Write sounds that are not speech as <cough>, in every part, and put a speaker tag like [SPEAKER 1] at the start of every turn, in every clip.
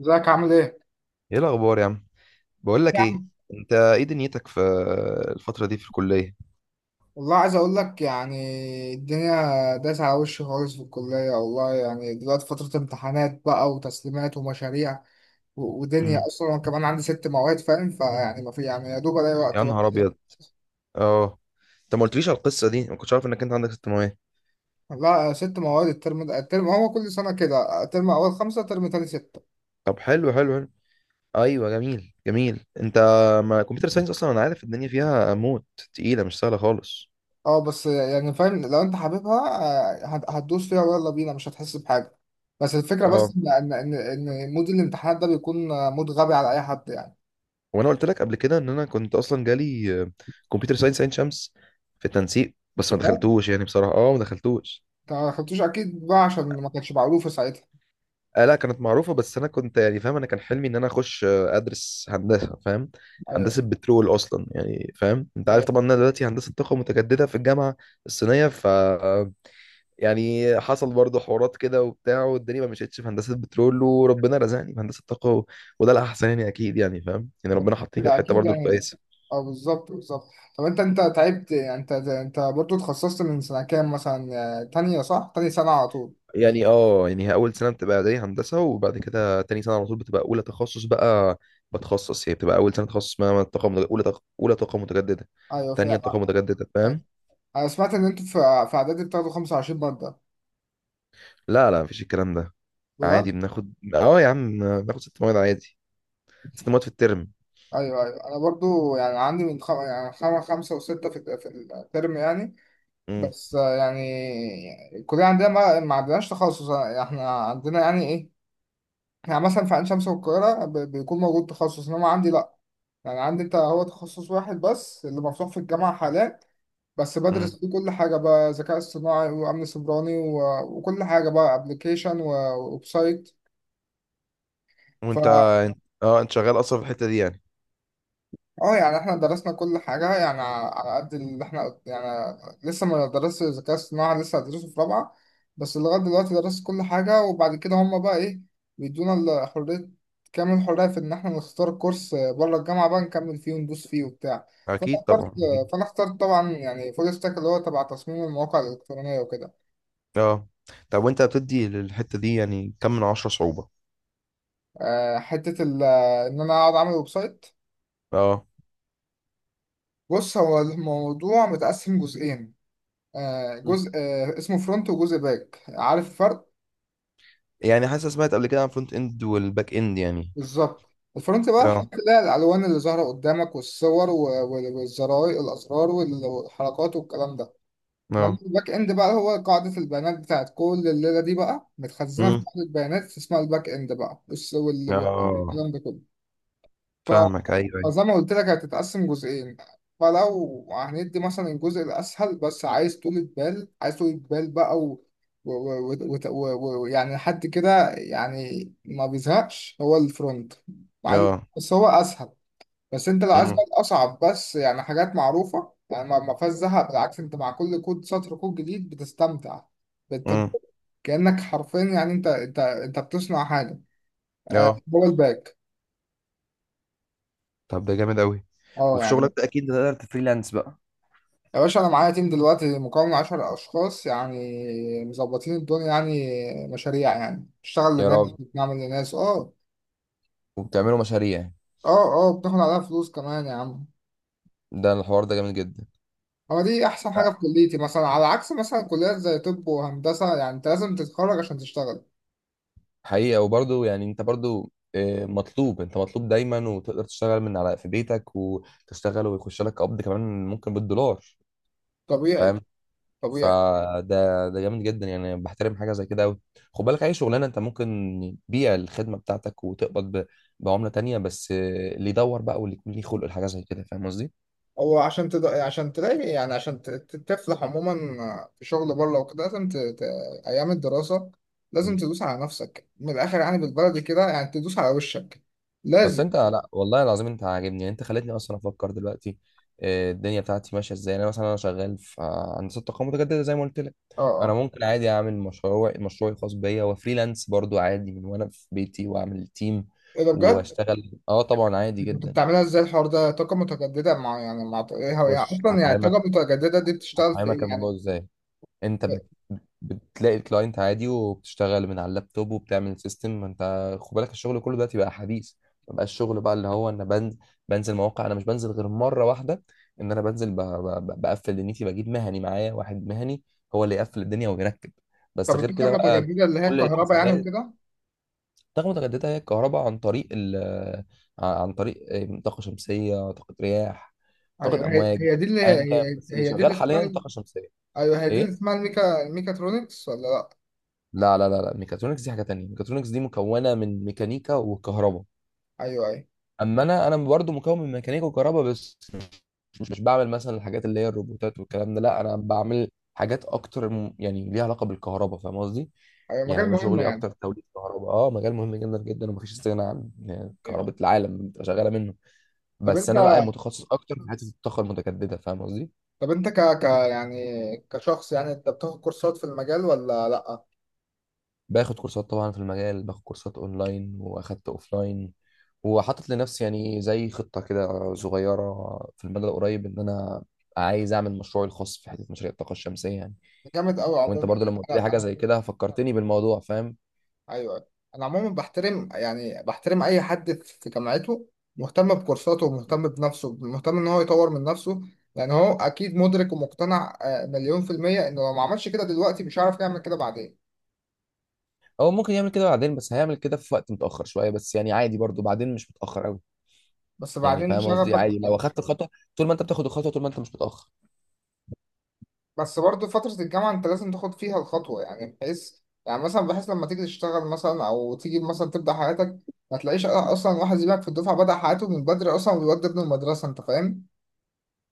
[SPEAKER 1] ازيك عامل ايه؟
[SPEAKER 2] ايه الاخبار يا عم؟ بقول لك
[SPEAKER 1] يا
[SPEAKER 2] ايه.
[SPEAKER 1] عم،
[SPEAKER 2] انت ايه دنيتك في الفتره دي في الكليه؟
[SPEAKER 1] والله عايز اقول لك، يعني الدنيا داس على وشي خالص في الكلية، والله يعني دلوقتي فترة امتحانات بقى وتسليمات ومشاريع ودنيا،
[SPEAKER 2] امم.
[SPEAKER 1] اصلا انا كمان عندي ست مواد فاهم، فيعني ما في يعني يا دوب الاقي وقت
[SPEAKER 2] يا نهار
[SPEAKER 1] بس يعني.
[SPEAKER 2] ابيض. اه، انت ما قلتليش على القصه دي، ما كنتش عارف انك انت عندك ثانويه.
[SPEAKER 1] لا، ست مواد الترم ده، الترم هو كل سنة كده، ترم اول خمسة، ترم تاني ستة.
[SPEAKER 2] طب حلو حلو حلو. ايوه جميل جميل. انت ما كمبيوتر ساينس، اصلا انا عارف الدنيا فيها موت تقيله، مش سهله خالص.
[SPEAKER 1] اه بس يعني فاهم لو انت حاببها. هتدوس فيها ويلا بينا مش هتحس بحاجة. بس الفكرة
[SPEAKER 2] اه.
[SPEAKER 1] بس ان ان ان إن مود الامتحانات ده بيكون مود غبي على اي حد يعني.
[SPEAKER 2] وانا قلت لك قبل كده ان انا كنت اصلا جالي كمبيوتر ساينس عين شمس في التنسيق، بس ما دخلتوش، يعني بصراحه ما دخلتوش.
[SPEAKER 1] ما خدتوش اكيد بقى عشان ما كانتش معروفه ساعتها.
[SPEAKER 2] آه لا، كانت معروفة، بس أنا كنت يعني فاهم، أنا كان حلمي إن أنا أخش، أدرس هندسة، فاهم؟
[SPEAKER 1] ايوه،
[SPEAKER 2] هندسة بترول أصلا، يعني فاهم، أنت عارف
[SPEAKER 1] ايوه،
[SPEAKER 2] طبعا إن أنا دلوقتي هندسة طاقة متجددة في الجامعة الصينية. ف آه، يعني حصل برضه حوارات كده وبتاع، والدنيا ما مشيتش في هندسة بترول وربنا رزقني في هندسة طاقة وده الأحسن، يعني أكيد، يعني فاهم، يعني ربنا حاطيني في
[SPEAKER 1] كده
[SPEAKER 2] الحتة
[SPEAKER 1] اكيد
[SPEAKER 2] برضه
[SPEAKER 1] يعني.
[SPEAKER 2] الكويسة.
[SPEAKER 1] اه، بالظبط بالظبط. طب انت تعبت، يعني انت برضو اتخصصت من سنه كام مثلا؟ تانية صح، تاني سنه على طول.
[SPEAKER 2] يعني هي اول سنه بتبقى اعدادي هندسه، وبعد كده تاني سنه على طول بتبقى اولى تخصص بقى. بتخصص، هي بتبقى اول سنه تخصص، اسمها طاقه متج- اولى طاقه اولى طاقه متجدده.
[SPEAKER 1] ايوه
[SPEAKER 2] تانية
[SPEAKER 1] فاهم.
[SPEAKER 2] طاقه متجدده،
[SPEAKER 1] أيوة.
[SPEAKER 2] فاهم؟
[SPEAKER 1] انا سمعت ان انتوا في اعدادي بتاخدوا 25 ماده
[SPEAKER 2] لا لا، مفيش الكلام ده. عادي
[SPEAKER 1] بجد؟
[SPEAKER 2] بناخد، يا عم بناخد ست مواد عادي، ست مواد في الترم.
[SPEAKER 1] ايوه ايوه، انا برضو يعني عندي من خمسه وسته في الترم يعني.
[SPEAKER 2] امم.
[SPEAKER 1] بس يعني الكليه عندنا ما عندناش تخصص، يعني احنا عندنا يعني ايه، يعني مثلا في عين شمس والقاهرة بيكون موجود تخصص، إنما عندي لأ. يعني عندي أنت هو تخصص واحد بس اللي مفتوح في الجامعة حاليا، بس
[SPEAKER 2] امم.
[SPEAKER 1] بدرس فيه كل حاجة بقى، ذكاء اصطناعي وأمن سيبراني وكل حاجة بقى، أبلكيشن وويب سايت.
[SPEAKER 2] وانت، اه انت شغال اصلا في الحته دي يعني؟
[SPEAKER 1] اه يعني احنا درسنا كل حاجة يعني على قد اللي احنا يعني، لسه ما درست الذكاء الصناعي، لسه هدرسه في رابعة. بس لغاية دلوقتي درست كل حاجة، وبعد كده هما بقى ايه، بيدونا حرية، كامل الحرية في ان احنا نختار كورس بره الجامعة بقى، نكمل فيه وندوس فيه وبتاع. فانا
[SPEAKER 2] اكيد
[SPEAKER 1] اخترت
[SPEAKER 2] طبعا أكيد.
[SPEAKER 1] فانا اخترت طبعا يعني فول ستاك، اللي هو تبع تصميم المواقع الإلكترونية وكده.
[SPEAKER 2] اه. طب وانت بتدي للحته دي يعني كم من عشرة صعوبه؟
[SPEAKER 1] آه، حتة ال- ان انا اقعد اعمل ويب سايت.
[SPEAKER 2] اه.
[SPEAKER 1] بص، هو الموضوع متقسم جزئين،
[SPEAKER 2] مم.
[SPEAKER 1] جزء اسمه فرونت، وجزء باك، عارف الفرق؟
[SPEAKER 2] يعني حاسس، سمعت قبل كده عن فرونت اند والباك اند يعني.
[SPEAKER 1] بالظبط، الفرونت بقى
[SPEAKER 2] اه.
[SPEAKER 1] هتلاقي الالوان اللي ظاهره قدامك والصور والزراير الاسرار والحركات والكلام ده. انما
[SPEAKER 2] اه.
[SPEAKER 1] الباك اند بقى هو قاعده البيانات بتاعت كل الليله دي، بقى متخزنه في
[SPEAKER 2] امم.
[SPEAKER 1] قاعده بيانات اسمها الباك اند بقى،
[SPEAKER 2] اه.
[SPEAKER 1] والكلام ده كله.
[SPEAKER 2] فاهمك، ايوه ايوه.
[SPEAKER 1] زي ما قلت لك هتتقسم جزئين، فلو هندي مثلا الجزء الأسهل بس عايز طولة بال، بقى و... و... و... يعني حد كده يعني ما بيزهقش هو الفرونت. مع إن-
[SPEAKER 2] اه.
[SPEAKER 1] بس هو أسهل. بس أنت لو عايز
[SPEAKER 2] امم.
[SPEAKER 1] بقى الأصعب، بس يعني حاجات معروفة يعني ما فيهاش زهق، بالعكس، أنت مع كل كود سطر كود جديد بتستمتع
[SPEAKER 2] امم.
[SPEAKER 1] بالتجربة، كأنك حرفيا يعني أنت بتصنع حاجة.
[SPEAKER 2] اه.
[SPEAKER 1] هو الباك.
[SPEAKER 2] طب ده جامد قوي.
[SPEAKER 1] اه
[SPEAKER 2] وفي
[SPEAKER 1] يعني،
[SPEAKER 2] شغلك ده اكيد بتقدر تفريلانس بقى.
[SPEAKER 1] يا باشا انا معايا تيم دلوقتي مكون من 10 اشخاص، يعني مظبطين الدنيا يعني، مشاريع، يعني بنشتغل
[SPEAKER 2] يا
[SPEAKER 1] لناس،
[SPEAKER 2] راجل،
[SPEAKER 1] بنعمل لناس، اه،
[SPEAKER 2] وبتعملوا مشاريع؟
[SPEAKER 1] اه، اه، بناخد عليها فلوس كمان يا عم.
[SPEAKER 2] ده الحوار ده جامد جدا.
[SPEAKER 1] هو دي احسن حاجه في كليتي مثلا، على عكس مثلا كليات زي طب وهندسه يعني انت لازم تتخرج عشان تشتغل.
[SPEAKER 2] حقيقة، وبرضه يعني انت برضه مطلوب، انت مطلوب دايما، وتقدر تشتغل من على في بيتك وتشتغل ويخش لك قبض كمان ممكن بالدولار.
[SPEAKER 1] طبيعي.
[SPEAKER 2] فاهم؟
[SPEAKER 1] طبيعي.
[SPEAKER 2] فده جامد جدا، يعني بحترم حاجه زي كده قوي. خد بالك، اي شغلانه انت ممكن تبيع الخدمه بتاعتك وتقبض بعمله تانية، بس اللي يدور بقى واللي يكون ليه خلق لحاجه زي كده، فاهم قصدي؟
[SPEAKER 1] هو عشان تلاقي، يعني عشان تفلح عموما في شغل بره وكده لازم ايام الدراسه لازم
[SPEAKER 2] مم.
[SPEAKER 1] تدوس على نفسك من الاخر، يعني بالبلدي كده يعني تدوس على وشك.
[SPEAKER 2] بس
[SPEAKER 1] لازم.
[SPEAKER 2] انت، لا والله العظيم انت عاجبني، يعني انت خلتني اصلا افكر دلوقتي الدنيا بتاعتي ماشيه ازاي، يعني انا مثلا انا شغال في هندسه طاقه متجدده زي ما قلت لك.
[SPEAKER 1] اه.
[SPEAKER 2] انا
[SPEAKER 1] آه.
[SPEAKER 2] ممكن عادي اعمل مشروعي الخاص بيا وفريلانس برضو عادي من وانا في بيتي واعمل تيم
[SPEAKER 1] ايه ده بجد؟
[SPEAKER 2] واشتغل، طبعا عادي
[SPEAKER 1] كنت
[SPEAKER 2] جدا.
[SPEAKER 1] بتعملها ازاي الحوار ده؟ طاقة متجددة مع، يعني مع ايه هو، يعني
[SPEAKER 2] بص
[SPEAKER 1] اصلا يعني الطاقة
[SPEAKER 2] هفهمك،
[SPEAKER 1] المتجددة دي بتشتغل في ايه
[SPEAKER 2] الموضوع
[SPEAKER 1] يعني؟
[SPEAKER 2] ازاي. انت بتلاقي الكلاينت عادي وبتشتغل من على اللابتوب وبتعمل سيستم. ما انت خد بالك الشغل كله دلوقتي بقى حديث، ما بقاش الشغل بقى اللي هو انا بنزل، مواقع. انا مش بنزل غير مره واحده، ان انا بنزل ب- ب- ب- بقفل دنيتي، بجيب مهني معايا، واحد مهني هو اللي يقفل الدنيا ويركب، بس
[SPEAKER 1] طب
[SPEAKER 2] غير
[SPEAKER 1] الطاقة
[SPEAKER 2] كده بقى
[SPEAKER 1] المتجددة اللي هي
[SPEAKER 2] كل
[SPEAKER 1] الكهرباء يعني
[SPEAKER 2] الحسابات.
[SPEAKER 1] وكده؟
[SPEAKER 2] طاقة متجددة هي الكهرباء عن طريق ال عن طريق إيه، طاقة شمسية، طاقة رياح،
[SPEAKER 1] ايوه،
[SPEAKER 2] طاقة
[SPEAKER 1] هي
[SPEAKER 2] أمواج،
[SPEAKER 1] هي دي اللي
[SPEAKER 2] أيا كان،
[SPEAKER 1] هي
[SPEAKER 2] بس اللي
[SPEAKER 1] هي دي اللي
[SPEAKER 2] شغال
[SPEAKER 1] اسمها.
[SPEAKER 2] حاليا طاقة شمسية.
[SPEAKER 1] ايوه هي دي اللي
[SPEAKER 2] إيه؟
[SPEAKER 1] اسمها الميكاترونكس ولا لا؟
[SPEAKER 2] لا لا لا لا، ميكاترونكس دي حاجه تانية، ميكاترونكس دي مكونه من ميكانيكا وكهرباء.
[SPEAKER 1] ايوه، ايوه،
[SPEAKER 2] اما انا برضو مكون من ميكانيكا وكهرباء، بس مش بعمل مثلا الحاجات اللي هي الروبوتات والكلام ده، لا انا بعمل حاجات اكتر، يعني ليها علاقه بالكهرباء، فاهم قصدي؟
[SPEAKER 1] ايوه،
[SPEAKER 2] يعني
[SPEAKER 1] مجال
[SPEAKER 2] انا
[SPEAKER 1] مهم
[SPEAKER 2] شغلي
[SPEAKER 1] يعني.
[SPEAKER 2] اكتر توليد كهرباء، مجال مهم جدا جدا، ومفيش استغناء عن، يعني
[SPEAKER 1] ايوه.
[SPEAKER 2] كهرباء
[SPEAKER 1] أيوة.
[SPEAKER 2] العالم بتبقى شغاله منه.
[SPEAKER 1] طب
[SPEAKER 2] بس
[SPEAKER 1] انت،
[SPEAKER 2] انا بقى متخصص اكتر في حته الطاقه المتجدده، فاهم قصدي؟
[SPEAKER 1] طب انت ك ك يعني كشخص، يعني انت بتاخد كورسات في المجال ولا لا؟
[SPEAKER 2] باخد كورسات طبعا في المجال، باخد كورسات اونلاين واخدت اوفلاين، وحاطط لنفسي يعني زي خطة كده صغيرة في المدى القريب، ان انا عايز اعمل مشروعي الخاص في حتة مشاريع الطاقة الشمسية يعني.
[SPEAKER 1] جامد قوي
[SPEAKER 2] وانت
[SPEAKER 1] عموما
[SPEAKER 2] برضو
[SPEAKER 1] يعني
[SPEAKER 2] لما قلت لي حاجة
[SPEAKER 1] انا.
[SPEAKER 2] زي كده فكرتني بالموضوع، فاهم؟
[SPEAKER 1] ايوه. انا عموما بحترم اي حد في جامعته، مهتم بكورساته ومهتم بنفسه، مهتم ان هو يطور من نفسه، لان هو اكيد مدرك ومقتنع مليون في المية انه لو ما عملش كده دلوقتي مش هيعرف يعمل كده بعدين.
[SPEAKER 2] هو ممكن يعمل كده بعدين، بس هيعمل كده في وقت متأخر شوية، بس يعني عادي برضو، بعدين مش متأخر قوي،
[SPEAKER 1] بس
[SPEAKER 2] يعني
[SPEAKER 1] بعدين
[SPEAKER 2] فاهم قصدي؟
[SPEAKER 1] شغفك.
[SPEAKER 2] عادي لو اخدت الخطوة، طول ما انت بتاخد الخطوة طول ما انت مش متأخر.
[SPEAKER 1] بس برضه فترة الجامعة انت لازم تاخد فيها الخطوة، يعني بحيث، يعني مثلا بحيث لما تيجي تشتغل مثلا او تيجي مثلا تبدأ حياتك، ما تلاقيش اصلا واحد زيك في الدفعة بدأ حياته من بدري اصلا وبيودي ابنه المدرسة، انت فاهم؟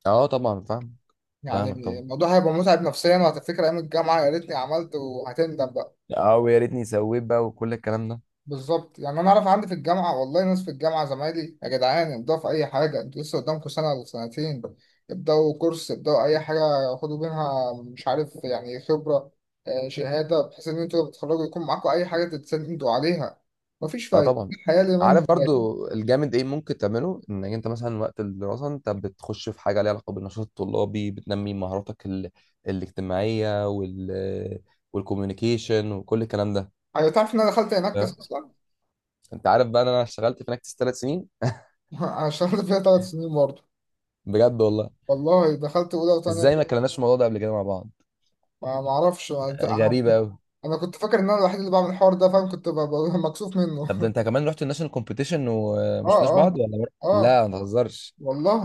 [SPEAKER 2] اه طبعا فاهم.
[SPEAKER 1] يعني
[SPEAKER 2] فاهمك طبعا.
[SPEAKER 1] الموضوع هيبقى متعب نفسيا، وهتفتكر ايام الجامعه يا ريتني عملت، وهتندم بقى.
[SPEAKER 2] اه، ويا ريتني سويت بقى، وكل الكلام ده.
[SPEAKER 1] بالظبط، يعني انا اعرف عندي في الجامعه، والله ناس في الجامعه زمايلي، يا جدعان ابداوا في اي حاجه، انتوا لسه قدامكم سنه ولا سنتين، ابداوا كورس، ابداوا اي حاجه، خدوا منها مش عارف يعني خبره، شهاده، بحيث ان انتوا لما تتخرجوا يكون معاكم اي حاجه تتسندوا عليها. مفيش
[SPEAKER 2] اه
[SPEAKER 1] فايده
[SPEAKER 2] طبعا،
[SPEAKER 1] الحياه اللي ما
[SPEAKER 2] عارف
[SPEAKER 1] انت.
[SPEAKER 2] برضو الجامد ايه ممكن تعمله؟ انك انت مثلا وقت الدراسه انت بتخش في حاجه ليها علاقه بالنشاط الطلابي، بتنمي مهاراتك الاجتماعيه والكوميونيكيشن وكل الكلام ده،
[SPEAKER 1] ايوه، تعرف ان انا دخلت هناك
[SPEAKER 2] فاهم؟
[SPEAKER 1] اصلا.
[SPEAKER 2] انت عارف بقى إن انا اشتغلت في نكتس ثلاث سنين. <laughs>
[SPEAKER 1] <laughs> انا اشتغلت فيها 3 سنين برضه.
[SPEAKER 2] بجد والله،
[SPEAKER 1] والله دخلت اولى وثانيه.
[SPEAKER 2] ازاي ما كلمناش في الموضوع ده قبل كده مع بعض؟
[SPEAKER 1] ما اعرفش انا. أنا
[SPEAKER 2] غريبه
[SPEAKER 1] كنت
[SPEAKER 2] قوي.
[SPEAKER 1] أنا كنت فاكر ان انا الوحيد اللي بعمل الحوار ده فاهم، كنت مكسوف منه.
[SPEAKER 2] طب ده
[SPEAKER 1] <laughs>
[SPEAKER 2] انت كمان رحت الناشونال كومبيتيشن
[SPEAKER 1] اه،
[SPEAKER 2] وما شفناش
[SPEAKER 1] اه،
[SPEAKER 2] بعض ولا مرة؟
[SPEAKER 1] اه،
[SPEAKER 2] لا ما تهزرش.
[SPEAKER 1] والله.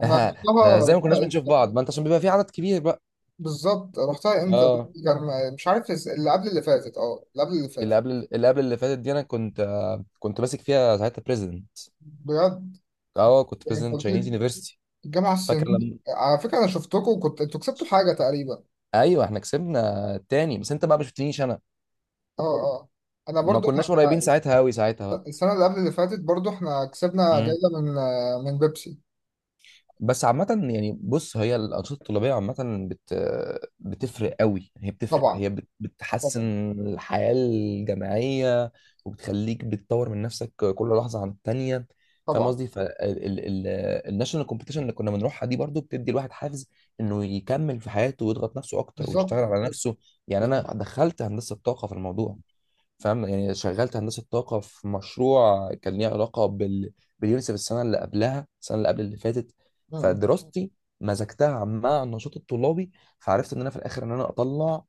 [SPEAKER 1] انا
[SPEAKER 2] <laughs> ده
[SPEAKER 1] رحتها
[SPEAKER 2] ازاي ما كناش
[SPEAKER 1] رحتها
[SPEAKER 2] بنشوف
[SPEAKER 1] إمتى؟
[SPEAKER 2] بعض؟ ما انت عشان بيبقى في عدد كبير بقى.
[SPEAKER 1] بالظبط، رحتها امتى؟
[SPEAKER 2] اه.
[SPEAKER 1] كان مش عارف اللي قبل اللي فاتت، اللي قبل اللي
[SPEAKER 2] اللي
[SPEAKER 1] فاتت.
[SPEAKER 2] قبل اللي قبل اللي فاتت دي، انا كنت ماسك فيها ساعتها بريزيدنت.
[SPEAKER 1] بجد.
[SPEAKER 2] اه، كنت
[SPEAKER 1] يعني أنت
[SPEAKER 2] بريزيدنت
[SPEAKER 1] قلت
[SPEAKER 2] تشاينيز
[SPEAKER 1] لي
[SPEAKER 2] يونيفرستي.
[SPEAKER 1] الجامعه
[SPEAKER 2] فاكر
[SPEAKER 1] الصينيه.
[SPEAKER 2] لما؟
[SPEAKER 1] على فكره انا شفتكم، وكنت انتوا كسبتوا حاجه تقريبا.
[SPEAKER 2] ايوه احنا كسبنا التاني، بس انت بقى ما شفتنيش انا،
[SPEAKER 1] اه، اه، انا
[SPEAKER 2] ما
[SPEAKER 1] برضو
[SPEAKER 2] كناش قريبين ساعتها، قوي ساعتها بقى.
[SPEAKER 1] السنه اللي قبل اللي فاتت برضو احنا كسبنا
[SPEAKER 2] مم.
[SPEAKER 1] جايزه من بيبسي.
[SPEAKER 2] بس عامة يعني، بص هي الأنشطة الطلابية عامة بت... بتفرق قوي، هي بتفرق،
[SPEAKER 1] طبعا
[SPEAKER 2] بتحسن
[SPEAKER 1] طبعا
[SPEAKER 2] الحياة الجامعية، وبتخليك بتطور من نفسك كل لحظة عن التانية، فاهم
[SPEAKER 1] طبعا.
[SPEAKER 2] قصدي؟ فالناشونال كومبيتيشن اللي كنا بنروحها دي برضو بتدي الواحد حافز إنه يكمل في حياته ويضغط نفسه أكتر
[SPEAKER 1] بالظبط
[SPEAKER 2] ويشتغل على نفسه. يعني أنا دخلت هندسة طاقة في الموضوع، فاهم؟ يعني شغلت هندسه طاقه في مشروع كان ليه علاقه باليونيسف، السنه اللي قبل اللي فاتت.
[SPEAKER 1] بالظبط.
[SPEAKER 2] فدراستي مزجتها مع النشاط الطلابي، فعرفت ان انا في الاخر ان انا اطلع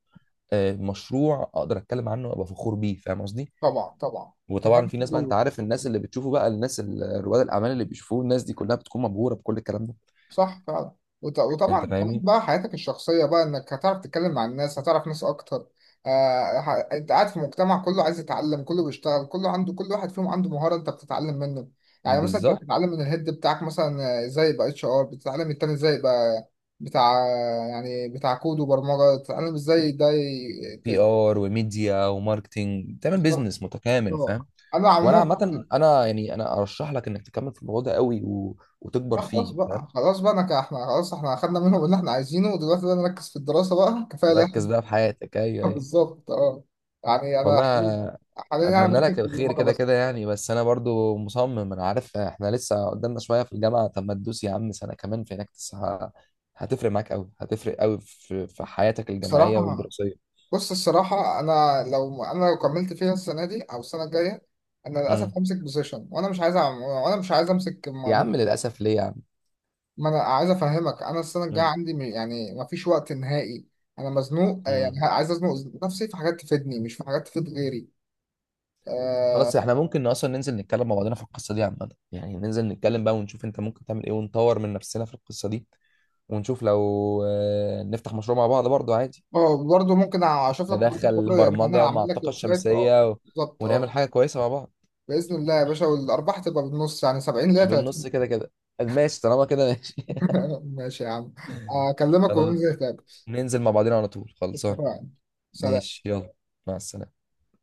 [SPEAKER 2] مشروع اقدر اتكلم عنه وابقى فخور بيه، فاهم قصدي؟
[SPEAKER 1] طبعا طبعا.
[SPEAKER 2] وطبعا
[SPEAKER 1] كمان
[SPEAKER 2] في ناس بقى، انت
[SPEAKER 1] برضه.
[SPEAKER 2] عارف الناس اللي بتشوفه بقى، الناس رواد الاعمال اللي بيشوفوه، الناس دي كلها بتكون مبهوره بكل الكلام ده.
[SPEAKER 1] صح فعلا.
[SPEAKER 2] انت
[SPEAKER 1] وطبعا كمان
[SPEAKER 2] فاهمني.
[SPEAKER 1] بقى حياتك الشخصية بقى، انك هتعرف تتكلم مع الناس، هتعرف ناس اكتر. انت قاعد في مجتمع كله عايز يتعلم، كله بيشتغل، كله عنده، كل واحد فيهم عنده مهارة انت بتتعلم منه. يعني مثلا انت
[SPEAKER 2] بالظبط.
[SPEAKER 1] بتتعلم من الهيد بتاعك مثلا، ازاي يبقى HR، بتتعلم التاني ازاي يبقى بتاع، يعني بتاع كود وبرمجة، بتتعلم ازاي ده
[SPEAKER 2] بي ار وميديا وماركتينج، تعمل بيزنس متكامل،
[SPEAKER 1] آه.
[SPEAKER 2] فاهم.
[SPEAKER 1] انا
[SPEAKER 2] وانا
[SPEAKER 1] عموما،
[SPEAKER 2] عامه، انا يعني انا ارشح لك انك تكمل في الموضوع ده قوي، وتكبر
[SPEAKER 1] ما خلاص
[SPEAKER 2] فيه،
[SPEAKER 1] بقى،
[SPEAKER 2] فاهم؟
[SPEAKER 1] خلاص بقى احنا خلاص احنا اخدنا منهم اللي احنا عايزينه، ودلوقتي بقى نركز في الدراسة بقى، كفاية ده.
[SPEAKER 2] تركز بقى في حياتك، ايوه
[SPEAKER 1] <laughs>
[SPEAKER 2] ايوه.
[SPEAKER 1] بالظبط اه. يعني انا
[SPEAKER 2] والله
[SPEAKER 1] حاليا انا
[SPEAKER 2] اتمنى
[SPEAKER 1] مركز
[SPEAKER 2] لك
[SPEAKER 1] في
[SPEAKER 2] الخير،
[SPEAKER 1] البرمجة
[SPEAKER 2] كده
[SPEAKER 1] بس.
[SPEAKER 2] كده يعني، بس انا برضو مصمم، انا عارف احنا لسه قدامنا شويه في الجامعه، طب ما تدوس يا عم سنه كمان في هناك، هتفرق معاك قوي، هتفرق قوي في حياتك الجامعيه
[SPEAKER 1] بصراحة.
[SPEAKER 2] والدراسيه.
[SPEAKER 1] بص الصراحة، انا لو كملت فيها السنة دي او السنة الجاية، انا
[SPEAKER 2] امم.
[SPEAKER 1] للاسف همسك بوزيشن، وانا مش عايز امسك
[SPEAKER 2] يا
[SPEAKER 1] م-
[SPEAKER 2] عم للاسف، ليه يا عم؟
[SPEAKER 1] ما انا عايز افهمك، انا السنة الجاية
[SPEAKER 2] امم.
[SPEAKER 1] عندي ما فيش وقت نهائي، انا مزنوق، يعني
[SPEAKER 2] امم.
[SPEAKER 1] عايز ازنق نفسي في حاجات تفيدني مش في حاجات تفيد غيري. آه،
[SPEAKER 2] خلاص، احنا ممكن اصلا ننزل نتكلم مع بعضنا في القصه دي عامه، يعني ننزل نتكلم بقى، ونشوف انت ممكن تعمل ايه، ونطور من نفسنا في القصه دي، ونشوف لو نفتح مشروع مع بعض برضو عادي،
[SPEAKER 1] اه، برضه ممكن اشوف لك برضه
[SPEAKER 2] ندخل
[SPEAKER 1] خبره يعني، انا
[SPEAKER 2] برمجة مع
[SPEAKER 1] اعمل لك
[SPEAKER 2] الطاقة
[SPEAKER 1] ويب سايت اه.
[SPEAKER 2] الشمسية
[SPEAKER 1] بالظبط
[SPEAKER 2] ونعمل
[SPEAKER 1] اه.
[SPEAKER 2] حاجة كويسة مع بعض.
[SPEAKER 1] باذن الله يا باشا، والارباح تبقى بالنص يعني 70 ل
[SPEAKER 2] بالنص
[SPEAKER 1] 30
[SPEAKER 2] كده كده. ماشي طالما كده، ماشي.
[SPEAKER 1] <laughs> ماشي يا عم،
[SPEAKER 2] <laughs>
[SPEAKER 1] اكلمك
[SPEAKER 2] خلاص.
[SPEAKER 1] وننزل نتقابل.
[SPEAKER 2] ننزل مع بعضنا على طول، خلصان.
[SPEAKER 1] اتفقنا. سلام.
[SPEAKER 2] ماشي، يلا. مع السلامة.